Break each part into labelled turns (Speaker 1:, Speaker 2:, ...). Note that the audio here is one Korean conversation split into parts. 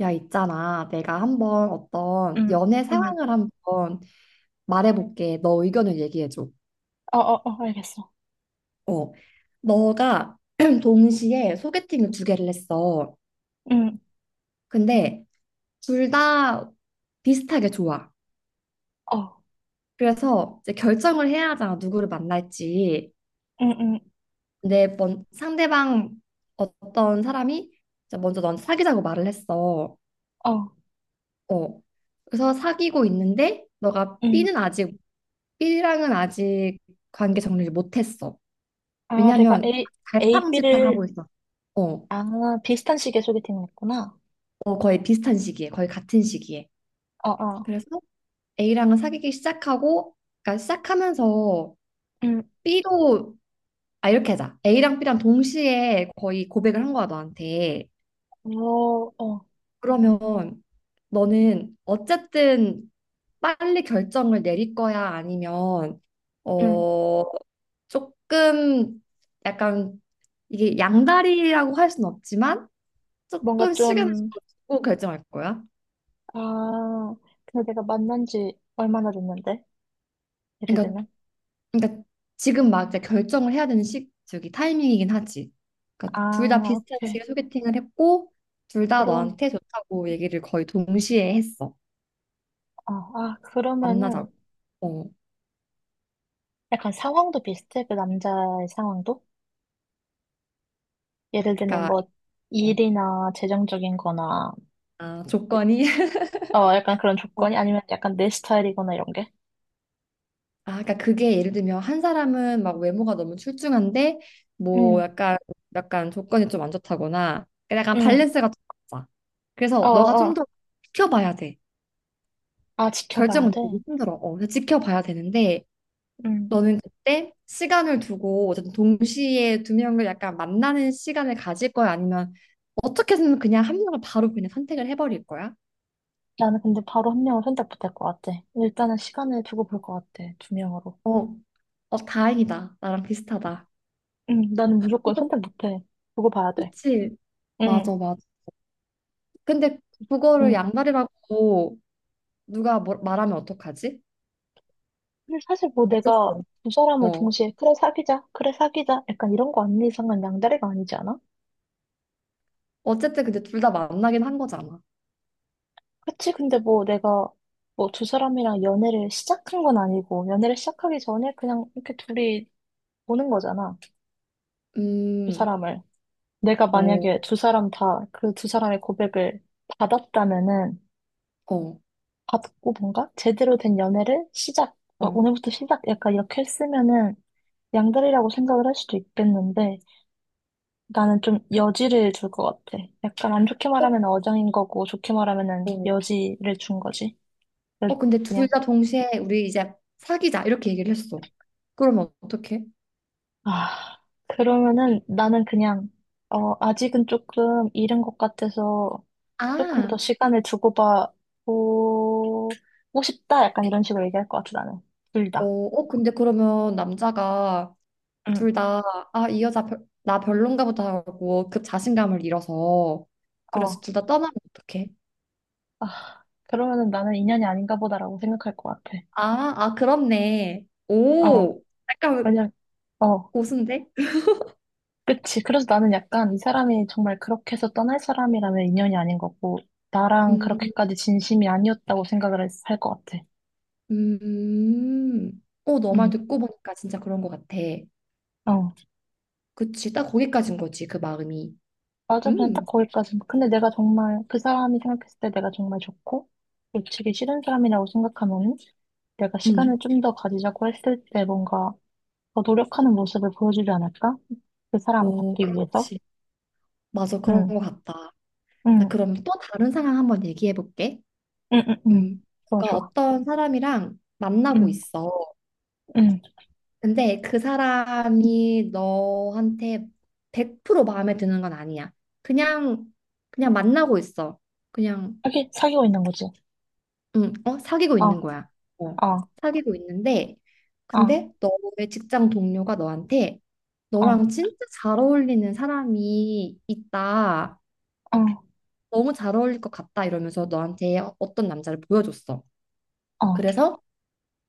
Speaker 1: 야, 있잖아. 내가 한번 어떤
Speaker 2: 응,
Speaker 1: 연애
Speaker 2: 응.
Speaker 1: 상황을 한번 말해볼게. 너 의견을 얘기해줘.
Speaker 2: 어, 어, 어, 알겠어.
Speaker 1: 어. 너가 동시에 소개팅을 두 개를 했어.
Speaker 2: 응,
Speaker 1: 근데 둘 다 비슷하게 좋아.
Speaker 2: 어,
Speaker 1: 그래서 이제 결정을 해야 하잖아. 누구를 만날지.
Speaker 2: 응, 응,
Speaker 1: 근데 먼 상대방 어떤 사람이 이제 먼저 넌 사귀자고 말을 했어.
Speaker 2: 어,
Speaker 1: 어. 그래서 사귀고 있는데 너가
Speaker 2: 응.
Speaker 1: B는 아직 B랑은 아직 관계 정리를 못했어.
Speaker 2: 아, 내가
Speaker 1: 왜냐하면
Speaker 2: A, B를,
Speaker 1: 갈팡질팡하고 있어. 어,
Speaker 2: 아, 비슷한 식의 소개팅을 했구나.
Speaker 1: 거의 비슷한 시기에, 거의 같은 시기에.
Speaker 2: 어, 어,
Speaker 1: 그래서 A랑은 사귀기 시작하고, 그러니까 시작하면서
Speaker 2: 응,
Speaker 1: B도 아 이렇게 하자. A랑 B랑 동시에 거의 고백을 한 거야 너한테.
Speaker 2: 어, 어,
Speaker 1: 그러면 너는 어쨌든 빨리 결정을 내릴 거야? 아니면,
Speaker 2: 응.
Speaker 1: 어, 조금 약간 이게 양다리라고 할 순 없지만
Speaker 2: 뭔가
Speaker 1: 조금 시간을
Speaker 2: 좀,
Speaker 1: 두고 결정할 거야?
Speaker 2: 아, 근데 내가 만난 지 얼마나 됐는데? 예를
Speaker 1: 그러니까,
Speaker 2: 들면?
Speaker 1: 그러니까 지금 막 이제 결정을 해야 되는 시, 저기 타이밍이긴 하지. 그러니까 둘 다
Speaker 2: 아,
Speaker 1: 비슷한
Speaker 2: 오케이.
Speaker 1: 시기에 소개팅을 했고, 둘 다
Speaker 2: 그럼,
Speaker 1: 너한테 좋다고 얘기를 거의 동시에 했어.
Speaker 2: 어, 아, 그러면은
Speaker 1: 만나자고. 어,
Speaker 2: 약간 상황도 비슷해? 그 남자의 상황도? 예를 들면
Speaker 1: 그러니까,
Speaker 2: 뭐,
Speaker 1: 어.
Speaker 2: 일이나 재정적인 거나
Speaker 1: 아, 조건이?
Speaker 2: 어, 약간 그런 조건이 아니면 약간 내 스타일이거나 이런 게?
Speaker 1: 아, 그러니까 그게 예를 들면 한 사람은 막 외모가 너무 출중한데
Speaker 2: 응,
Speaker 1: 뭐 약간 약간 조건이 좀 안 좋다거나 그러니까 약간
Speaker 2: 응,
Speaker 1: 밸런스가 좀 맞아.
Speaker 2: 어,
Speaker 1: 그래서 너가
Speaker 2: 어,
Speaker 1: 좀
Speaker 2: 어.
Speaker 1: 더 지켜봐야 돼.
Speaker 2: 아, 지켜봐야
Speaker 1: 결정을
Speaker 2: 돼.
Speaker 1: 내리기 힘들어. 어, 그래서 지켜봐야 되는데
Speaker 2: 응.
Speaker 1: 너는 그때 시간을 두고 어쨌든 동시에 두 명을 약간 만나는 시간을 가질 거야? 아니면 어떻게든 그냥 한 명을 바로 그냥 선택을 해버릴 거야?
Speaker 2: 나는 근데 바로 한 명을 선택 못할 것 같아. 일단은 시간을 두고 볼 것 같아. 두 명으로.
Speaker 1: 어, 어, 다행이다. 나랑 비슷하다.
Speaker 2: 응, 나는 무조건 선택 못해. 두고 봐야 돼.
Speaker 1: 그치?
Speaker 2: 응,
Speaker 1: 맞아, 맞아. 근데 그거를
Speaker 2: 응.
Speaker 1: 양다리라고 누가 말하면 어떡하지?
Speaker 2: 근데 사실 뭐 내가
Speaker 1: 어쨌든.
Speaker 2: 두 사람을
Speaker 1: 어.
Speaker 2: 동시에, 그래, 사귀자, 그래, 사귀자, 약간 이런 거 아닌 이상은 양다리가 아니지 않아?
Speaker 1: 어쨌든 근데 둘 다 만나긴 한 거잖아.
Speaker 2: 그치? 근데 뭐 내가 뭐 두 사람이랑 연애를 시작한 건 아니고, 연애를 시작하기 전에 그냥 이렇게 둘이 보는 거잖아. 두
Speaker 1: 음.
Speaker 2: 사람을. 내가
Speaker 1: 어.
Speaker 2: 만약에 두 사람 다 그 두 사람의 고백을 받았다면은
Speaker 1: 어.
Speaker 2: 받고 뭔가 제대로 된 연애를 시작, 막
Speaker 1: 어.
Speaker 2: 오늘부터 시작 약간 이렇게 했으면은 양다리라고 생각을 할 수도 있겠는데 나는 좀 여지를 줄 것 같아. 약간 안 좋게
Speaker 1: 어.
Speaker 2: 말하면 어장인 거고 좋게 말하면은
Speaker 1: 어.
Speaker 2: 여지를 준 거지. 그래서
Speaker 1: 어, 근데
Speaker 2: 그냥
Speaker 1: 둘 다 동시에 우리 이제 사귀자 이렇게 얘기를 했어. 그러면 어떡해?
Speaker 2: 아 그러면은 나는 그냥 어 아직은 조금 이른 것 같아서 조금
Speaker 1: 아.
Speaker 2: 더 시간을 주고받고 고 싶다. 약간 이런 식으로 얘기할 것 같아, 나는. 둘
Speaker 1: 어.
Speaker 2: 다.
Speaker 1: 어, 근데 그러면 남자가
Speaker 2: 응,
Speaker 1: 둘 다 아, 이 여자 별, 나 별론가 보다 하고 그 자신감을 잃어서 그래서
Speaker 2: 어.
Speaker 1: 둘 다 떠나면 어떡해?
Speaker 2: 아, 그러면은 나는 인연이 아닌가 보다라고 생각할 것 같아.
Speaker 1: 아, 아, 그렇네.
Speaker 2: 어.
Speaker 1: 오. 약간
Speaker 2: 왜냐, 어.
Speaker 1: 고순대?
Speaker 2: 그치. 그래서 나는 약간 이 사람이 정말 그렇게 해서 떠날 사람이라면 인연이 아닌 거고, 나랑
Speaker 1: 음,
Speaker 2: 그렇게까지 진심이 아니었다고 생각을 할 것 같아.
Speaker 1: 어, 너 말
Speaker 2: 응,
Speaker 1: 듣고 보니까 진짜 그런 것 같아.
Speaker 2: 어.
Speaker 1: 그치, 딱 거기까지인 거지, 그 마음이.
Speaker 2: 맞아, 그냥 딱
Speaker 1: 음,
Speaker 2: 거기까지. 근데 내가 정말 그 사람이 생각했을 때 내가 정말 좋고 놓치기 싫은 사람이라고 생각하면 내가 시간을
Speaker 1: 음,
Speaker 2: 좀 더 가지자고 했을 때 뭔가 더 노력하는 모습을 보여주지 않을까? 그 사람을
Speaker 1: 어,
Speaker 2: 잡기 위해서.
Speaker 1: 그렇지. 맞아, 그런
Speaker 2: 응,
Speaker 1: 것 같다. 나
Speaker 2: 응,
Speaker 1: 그럼 또 다른 상황 한번 얘기해 볼게.
Speaker 2: 응, 응, 응. 좋아,
Speaker 1: 누가
Speaker 2: 좋아.
Speaker 1: 어떤 사람이랑 만나고
Speaker 2: 응,
Speaker 1: 있어.
Speaker 2: 응.
Speaker 1: 근데 그 사람이 너한테 100% 마음에 드는 건 아니야. 그냥, 그냥 만나고 있어. 그냥
Speaker 2: 사귀고 있는 거지.
Speaker 1: 응, 어, 사귀고 있는
Speaker 2: 어,
Speaker 1: 거야. 어,
Speaker 2: 어,
Speaker 1: 사귀고 있는데,
Speaker 2: 어,
Speaker 1: 근데 너의 직장 동료가 너한테
Speaker 2: 어,
Speaker 1: 너랑 진짜 잘 어울리는 사람이 있다.
Speaker 2: 어,
Speaker 1: 너무 잘 어울릴 것 같다. 이러면서 너한테 어떤 남자를 보여줬어.
Speaker 2: 어.
Speaker 1: 그래서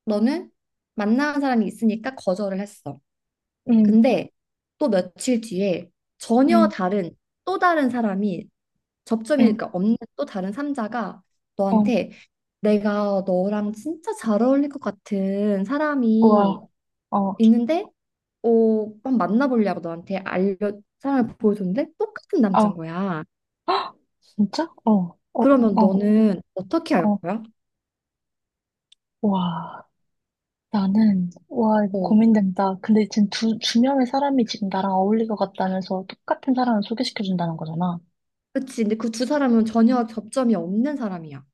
Speaker 1: 너는 만나는 사람이 있으니까 거절을 했어.
Speaker 2: 응,
Speaker 1: 근데 또 며칠 뒤에 전혀
Speaker 2: 응,
Speaker 1: 다른 또 다른 사람이
Speaker 2: 응,
Speaker 1: 접점이니까 없는 또 다른 삼자가
Speaker 2: 어.
Speaker 1: 너한테 내가 너랑 진짜 잘 어울릴 것 같은 사람이
Speaker 2: 우와, 어,
Speaker 1: 있는데 어, 한번 만나보려고 너한테 알려 사람을 보여줬는데 똑같은 남자인
Speaker 2: 어.
Speaker 1: 거야.
Speaker 2: 헉, 진짜? 어, 어,
Speaker 1: 그러면
Speaker 2: 어,
Speaker 1: 너는 어떻게 할
Speaker 2: 어.
Speaker 1: 거야?
Speaker 2: 우와. 나는, 와, 이거
Speaker 1: 어,
Speaker 2: 고민된다. 근데 지금 두 명의 사람이 지금 나랑 어울릴 것 같다면서 똑같은 사람을 소개시켜준다는 거잖아.
Speaker 1: 그치. 근데 그 두 사람은 전혀 접점이 없는 사람이야.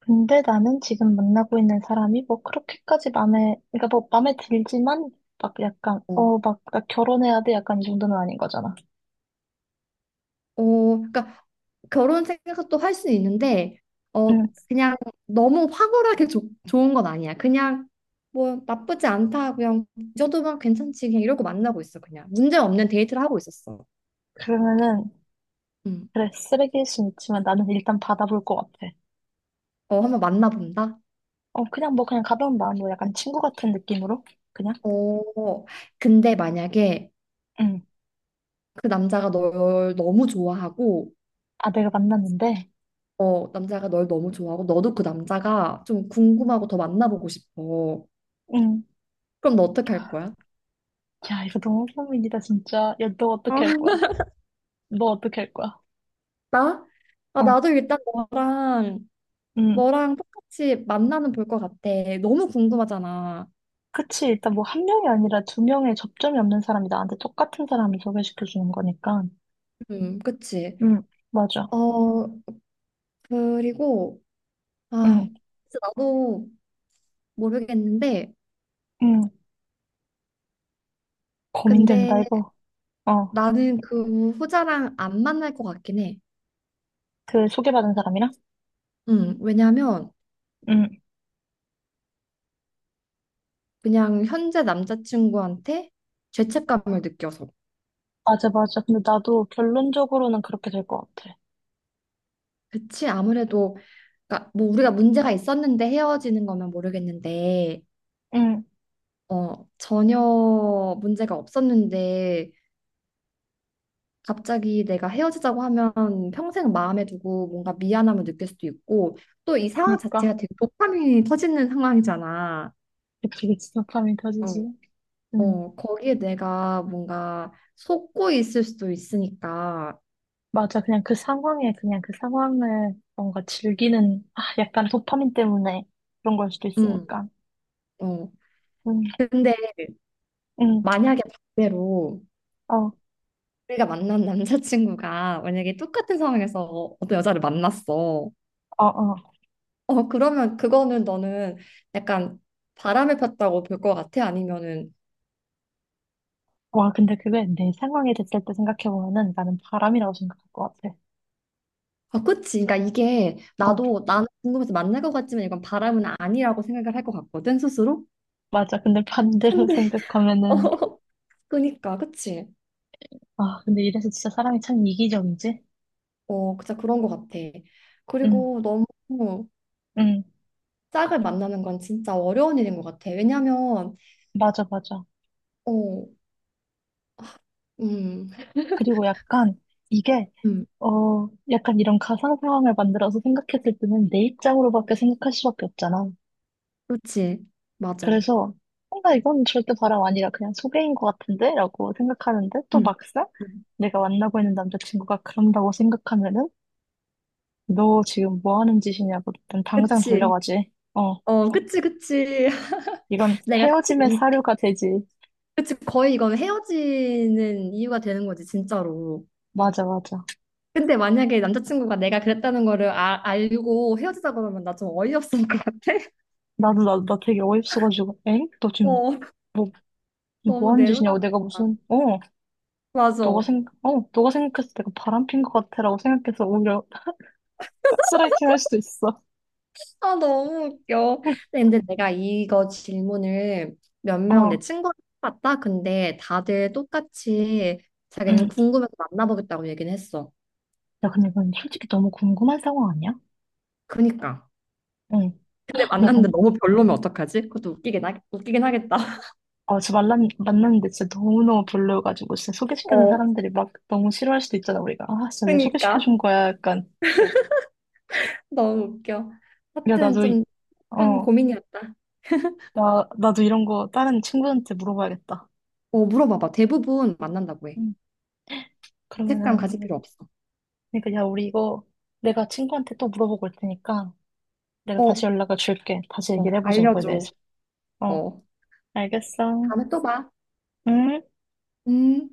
Speaker 2: 근데 나는 지금 만나고 있는 사람이 뭐 그렇게까지 마음에, 그러니까 뭐 마음에 들지만, 막 약간,
Speaker 1: 어.
Speaker 2: 어, 막, 나 결혼해야 돼. 약간 이 정도는 아닌 거잖아.
Speaker 1: 어, 그러니까 결혼 생각도 할 수는 있는데, 어,
Speaker 2: 응,
Speaker 1: 그냥 너무 황홀하게 좋은 건 아니야. 그냥 뭐 나쁘지 않다, 그냥 이 정도면 괜찮지, 그냥 이러고 만나고 있어, 그냥. 문제 없는 데이트를 하고 있었어.
Speaker 2: 그러면은,
Speaker 1: 음.
Speaker 2: 그래, 쓰레기일 순 있지만 나는 일단 받아볼 것 같아.
Speaker 1: 어, 한번 만나본다?
Speaker 2: 어, 그냥 뭐, 그냥 가벼운 마음으로 약간 친구 같은 느낌으로? 그냥?
Speaker 1: 어, 근데 만약에
Speaker 2: 응.
Speaker 1: 그 남자가 널 너무 좋아하고,
Speaker 2: 아, 내가 만났는데?
Speaker 1: 어, 남자가 널 너무 좋아하고, 너도 그 남자가 좀 궁금하고 더 만나보고 싶어.
Speaker 2: 응.
Speaker 1: 그럼 너 어떡할 거야?
Speaker 2: 야, 이거 너무 고민이다, 진짜. 야, 너
Speaker 1: 아,
Speaker 2: 어떻게 할 거야? 너 어떻게 할 거야?
Speaker 1: 나? 아,
Speaker 2: 어,
Speaker 1: 나도 일단 너랑
Speaker 2: 음.
Speaker 1: 너랑 똑같이 만나는 볼 것 같아. 너무 궁금하잖아.
Speaker 2: 그치. 일단 뭐 한 명이 아니라 두 명의 접점이 없는 사람이 나한테 똑같은 사람을 소개시켜 주는 거니까.
Speaker 1: 그치.
Speaker 2: 응, 맞아.
Speaker 1: 어, 그리고, 아,
Speaker 2: 음,
Speaker 1: 진짜 나도 모르겠는데,
Speaker 2: 음, 고민된다,
Speaker 1: 근데
Speaker 2: 이거. 어,
Speaker 1: 나는 그 후자랑 안 만날 것 같긴 해.
Speaker 2: 그 소개받은 사람이랑?
Speaker 1: 왜냐면
Speaker 2: 음,
Speaker 1: 그냥 현재 남자친구한테 죄책감을 느껴서.
Speaker 2: 맞아, 맞아. 근데 나도 결론적으로는 그렇게 될 것 같아.
Speaker 1: 그치, 아무래도, 그러니까 뭐 우리가 문제가 있었는데 헤어지는 거면 모르겠는데,
Speaker 2: 응,
Speaker 1: 어, 전혀 문제가 없었는데, 갑자기 내가 헤어지자고 하면 평생 마음에 두고 뭔가 미안함을 느낄 수도 있고 또 이 상황 자체가
Speaker 2: 그러니까.
Speaker 1: 되게 도파민이 터지는 상황이잖아.
Speaker 2: 그치, 그치. 도파민
Speaker 1: 어,
Speaker 2: 터지지. 응,
Speaker 1: 어, 거기에 내가 뭔가 속고 있을 수도 있으니까.
Speaker 2: 맞아. 그냥 그 상황에, 그냥 그 상황을 뭔가 즐기는, 아, 약간 도파민 때문에 그런 걸 수도
Speaker 1: 음,
Speaker 2: 있으니까.
Speaker 1: 어.
Speaker 2: 응,
Speaker 1: 근데
Speaker 2: 응,
Speaker 1: 만약에 반대로
Speaker 2: 어,
Speaker 1: 우리가 만난 남자친구가 만약에 똑같은 상황에서 어떤 여자를 만났어.
Speaker 2: 어, 어,
Speaker 1: 어, 그러면 그거는 너는 약간 바람을 폈다고 볼 것 같아? 아니면은
Speaker 2: 와, 근데 그게 내 상황이 됐을 때 생각해보면은 나는 바람이라고 생각할 것 같아.
Speaker 1: 아, 그치. 그러니까 이게
Speaker 2: 어,
Speaker 1: 나도 나는 궁금해서 만날 것 같지만 이건 바람은 아니라고 생각을 할 것 같거든, 스스로.
Speaker 2: 맞아. 근데 반대로
Speaker 1: 근데,
Speaker 2: 생각하면은,
Speaker 1: 어, 그니까, 그치.
Speaker 2: 아, 근데 이래서 진짜 사람이 참 이기적이지?
Speaker 1: 어, 진짜 그런 것 같아.
Speaker 2: 응,
Speaker 1: 그리고 너무
Speaker 2: 응,
Speaker 1: 짝을 만나는 건 진짜 어려운 일인 것 같아. 왜냐면,
Speaker 2: 맞아, 맞아.
Speaker 1: 어, 음,
Speaker 2: 그리고 약간 이게,
Speaker 1: 음,
Speaker 2: 어, 약간 이런 가상 상황을 만들어서 생각했을 때는 내 입장으로밖에 생각할 수밖에 없잖아.
Speaker 1: 그치. 맞아.
Speaker 2: 그래서, 뭔가 이건 절대 바람 아니라 그냥 소개인 것 같은데? 라고 생각하는데 또
Speaker 1: 음,
Speaker 2: 막상
Speaker 1: 음.
Speaker 2: 내가 만나고 있는 남자친구가 그런다고 생각하면은 너 지금 뭐 하는 짓이냐고. 난 당장
Speaker 1: 그치.
Speaker 2: 달려가지. 어,
Speaker 1: 어, 그치, 그치.
Speaker 2: 이건
Speaker 1: 내가 사실
Speaker 2: 헤어짐의
Speaker 1: 이,
Speaker 2: 사료가 되지.
Speaker 1: 그치. 거의 이건 헤어지는 이유가 되는 거지, 진짜로.
Speaker 2: 맞아, 맞아.
Speaker 1: 근데 만약에 남자친구가 내가 그랬다는 거를 아, 알고 헤어지자 그러면 나 좀 어이없을 것 같아.
Speaker 2: 나도, 나 되게 어이없어가지고. 엥? 너 지금
Speaker 1: 어,
Speaker 2: 뭐,
Speaker 1: 너무
Speaker 2: 뭐 하는 짓이냐고. 내가
Speaker 1: 내로남불이다.
Speaker 2: 무슨, 어, 너가
Speaker 1: 맞아.
Speaker 2: 생각, 어, 너가 생각해서 내가 바람핀 것 같아라고 생각해서 오히려 가스라이팅 할 수도 있어.
Speaker 1: 아, 너무 웃겨. 근데 내가 이거 질문을 몇 명 내
Speaker 2: 어,
Speaker 1: 친구한테 봤다. 근데 다들 똑같이
Speaker 2: 응.
Speaker 1: 자기는 궁금해서 만나보겠다고 얘기는 했어.
Speaker 2: 야, 근데 이건 솔직히 너무 궁금한 상황 아니야?
Speaker 1: 그니까.
Speaker 2: 응.
Speaker 1: 근데
Speaker 2: 야,
Speaker 1: 만났는데
Speaker 2: 그럼
Speaker 1: 너무 별로면 어떡하지? 그것도 웃기긴 하겠다.
Speaker 2: 어, 저 만났는데 진짜 너무너무 별로여가지고, 진짜 소개시켜준
Speaker 1: 어,
Speaker 2: 사람들이 막 너무 싫어할 수도 있잖아, 우리가. 아, 진짜 왜
Speaker 1: 그니까.
Speaker 2: 소개시켜준 거야? 약간,
Speaker 1: 너무 웃겨.
Speaker 2: 야,
Speaker 1: 하여튼 좀 한
Speaker 2: 어,
Speaker 1: 고민이었다.
Speaker 2: 나, 나도 이런 거 다른 친구한테 물어봐야겠다.
Speaker 1: 어, 물어봐봐. 대부분 만난다고 해.
Speaker 2: 응.
Speaker 1: 색감
Speaker 2: 그러면은,
Speaker 1: 가질
Speaker 2: 내가,
Speaker 1: 필요 없어.
Speaker 2: 그러니까, 야, 우리 이거, 내가 친구한테 또 물어보고 올 테니까, 내가 다시
Speaker 1: 어,
Speaker 2: 연락을 줄게. 다시
Speaker 1: 어,
Speaker 2: 얘기를 해보자, 이거에
Speaker 1: 알려줘.
Speaker 2: 대해서. 어,
Speaker 1: 어,
Speaker 2: 알겠어.
Speaker 1: 다음에 또 봐.
Speaker 2: 응?
Speaker 1: 음.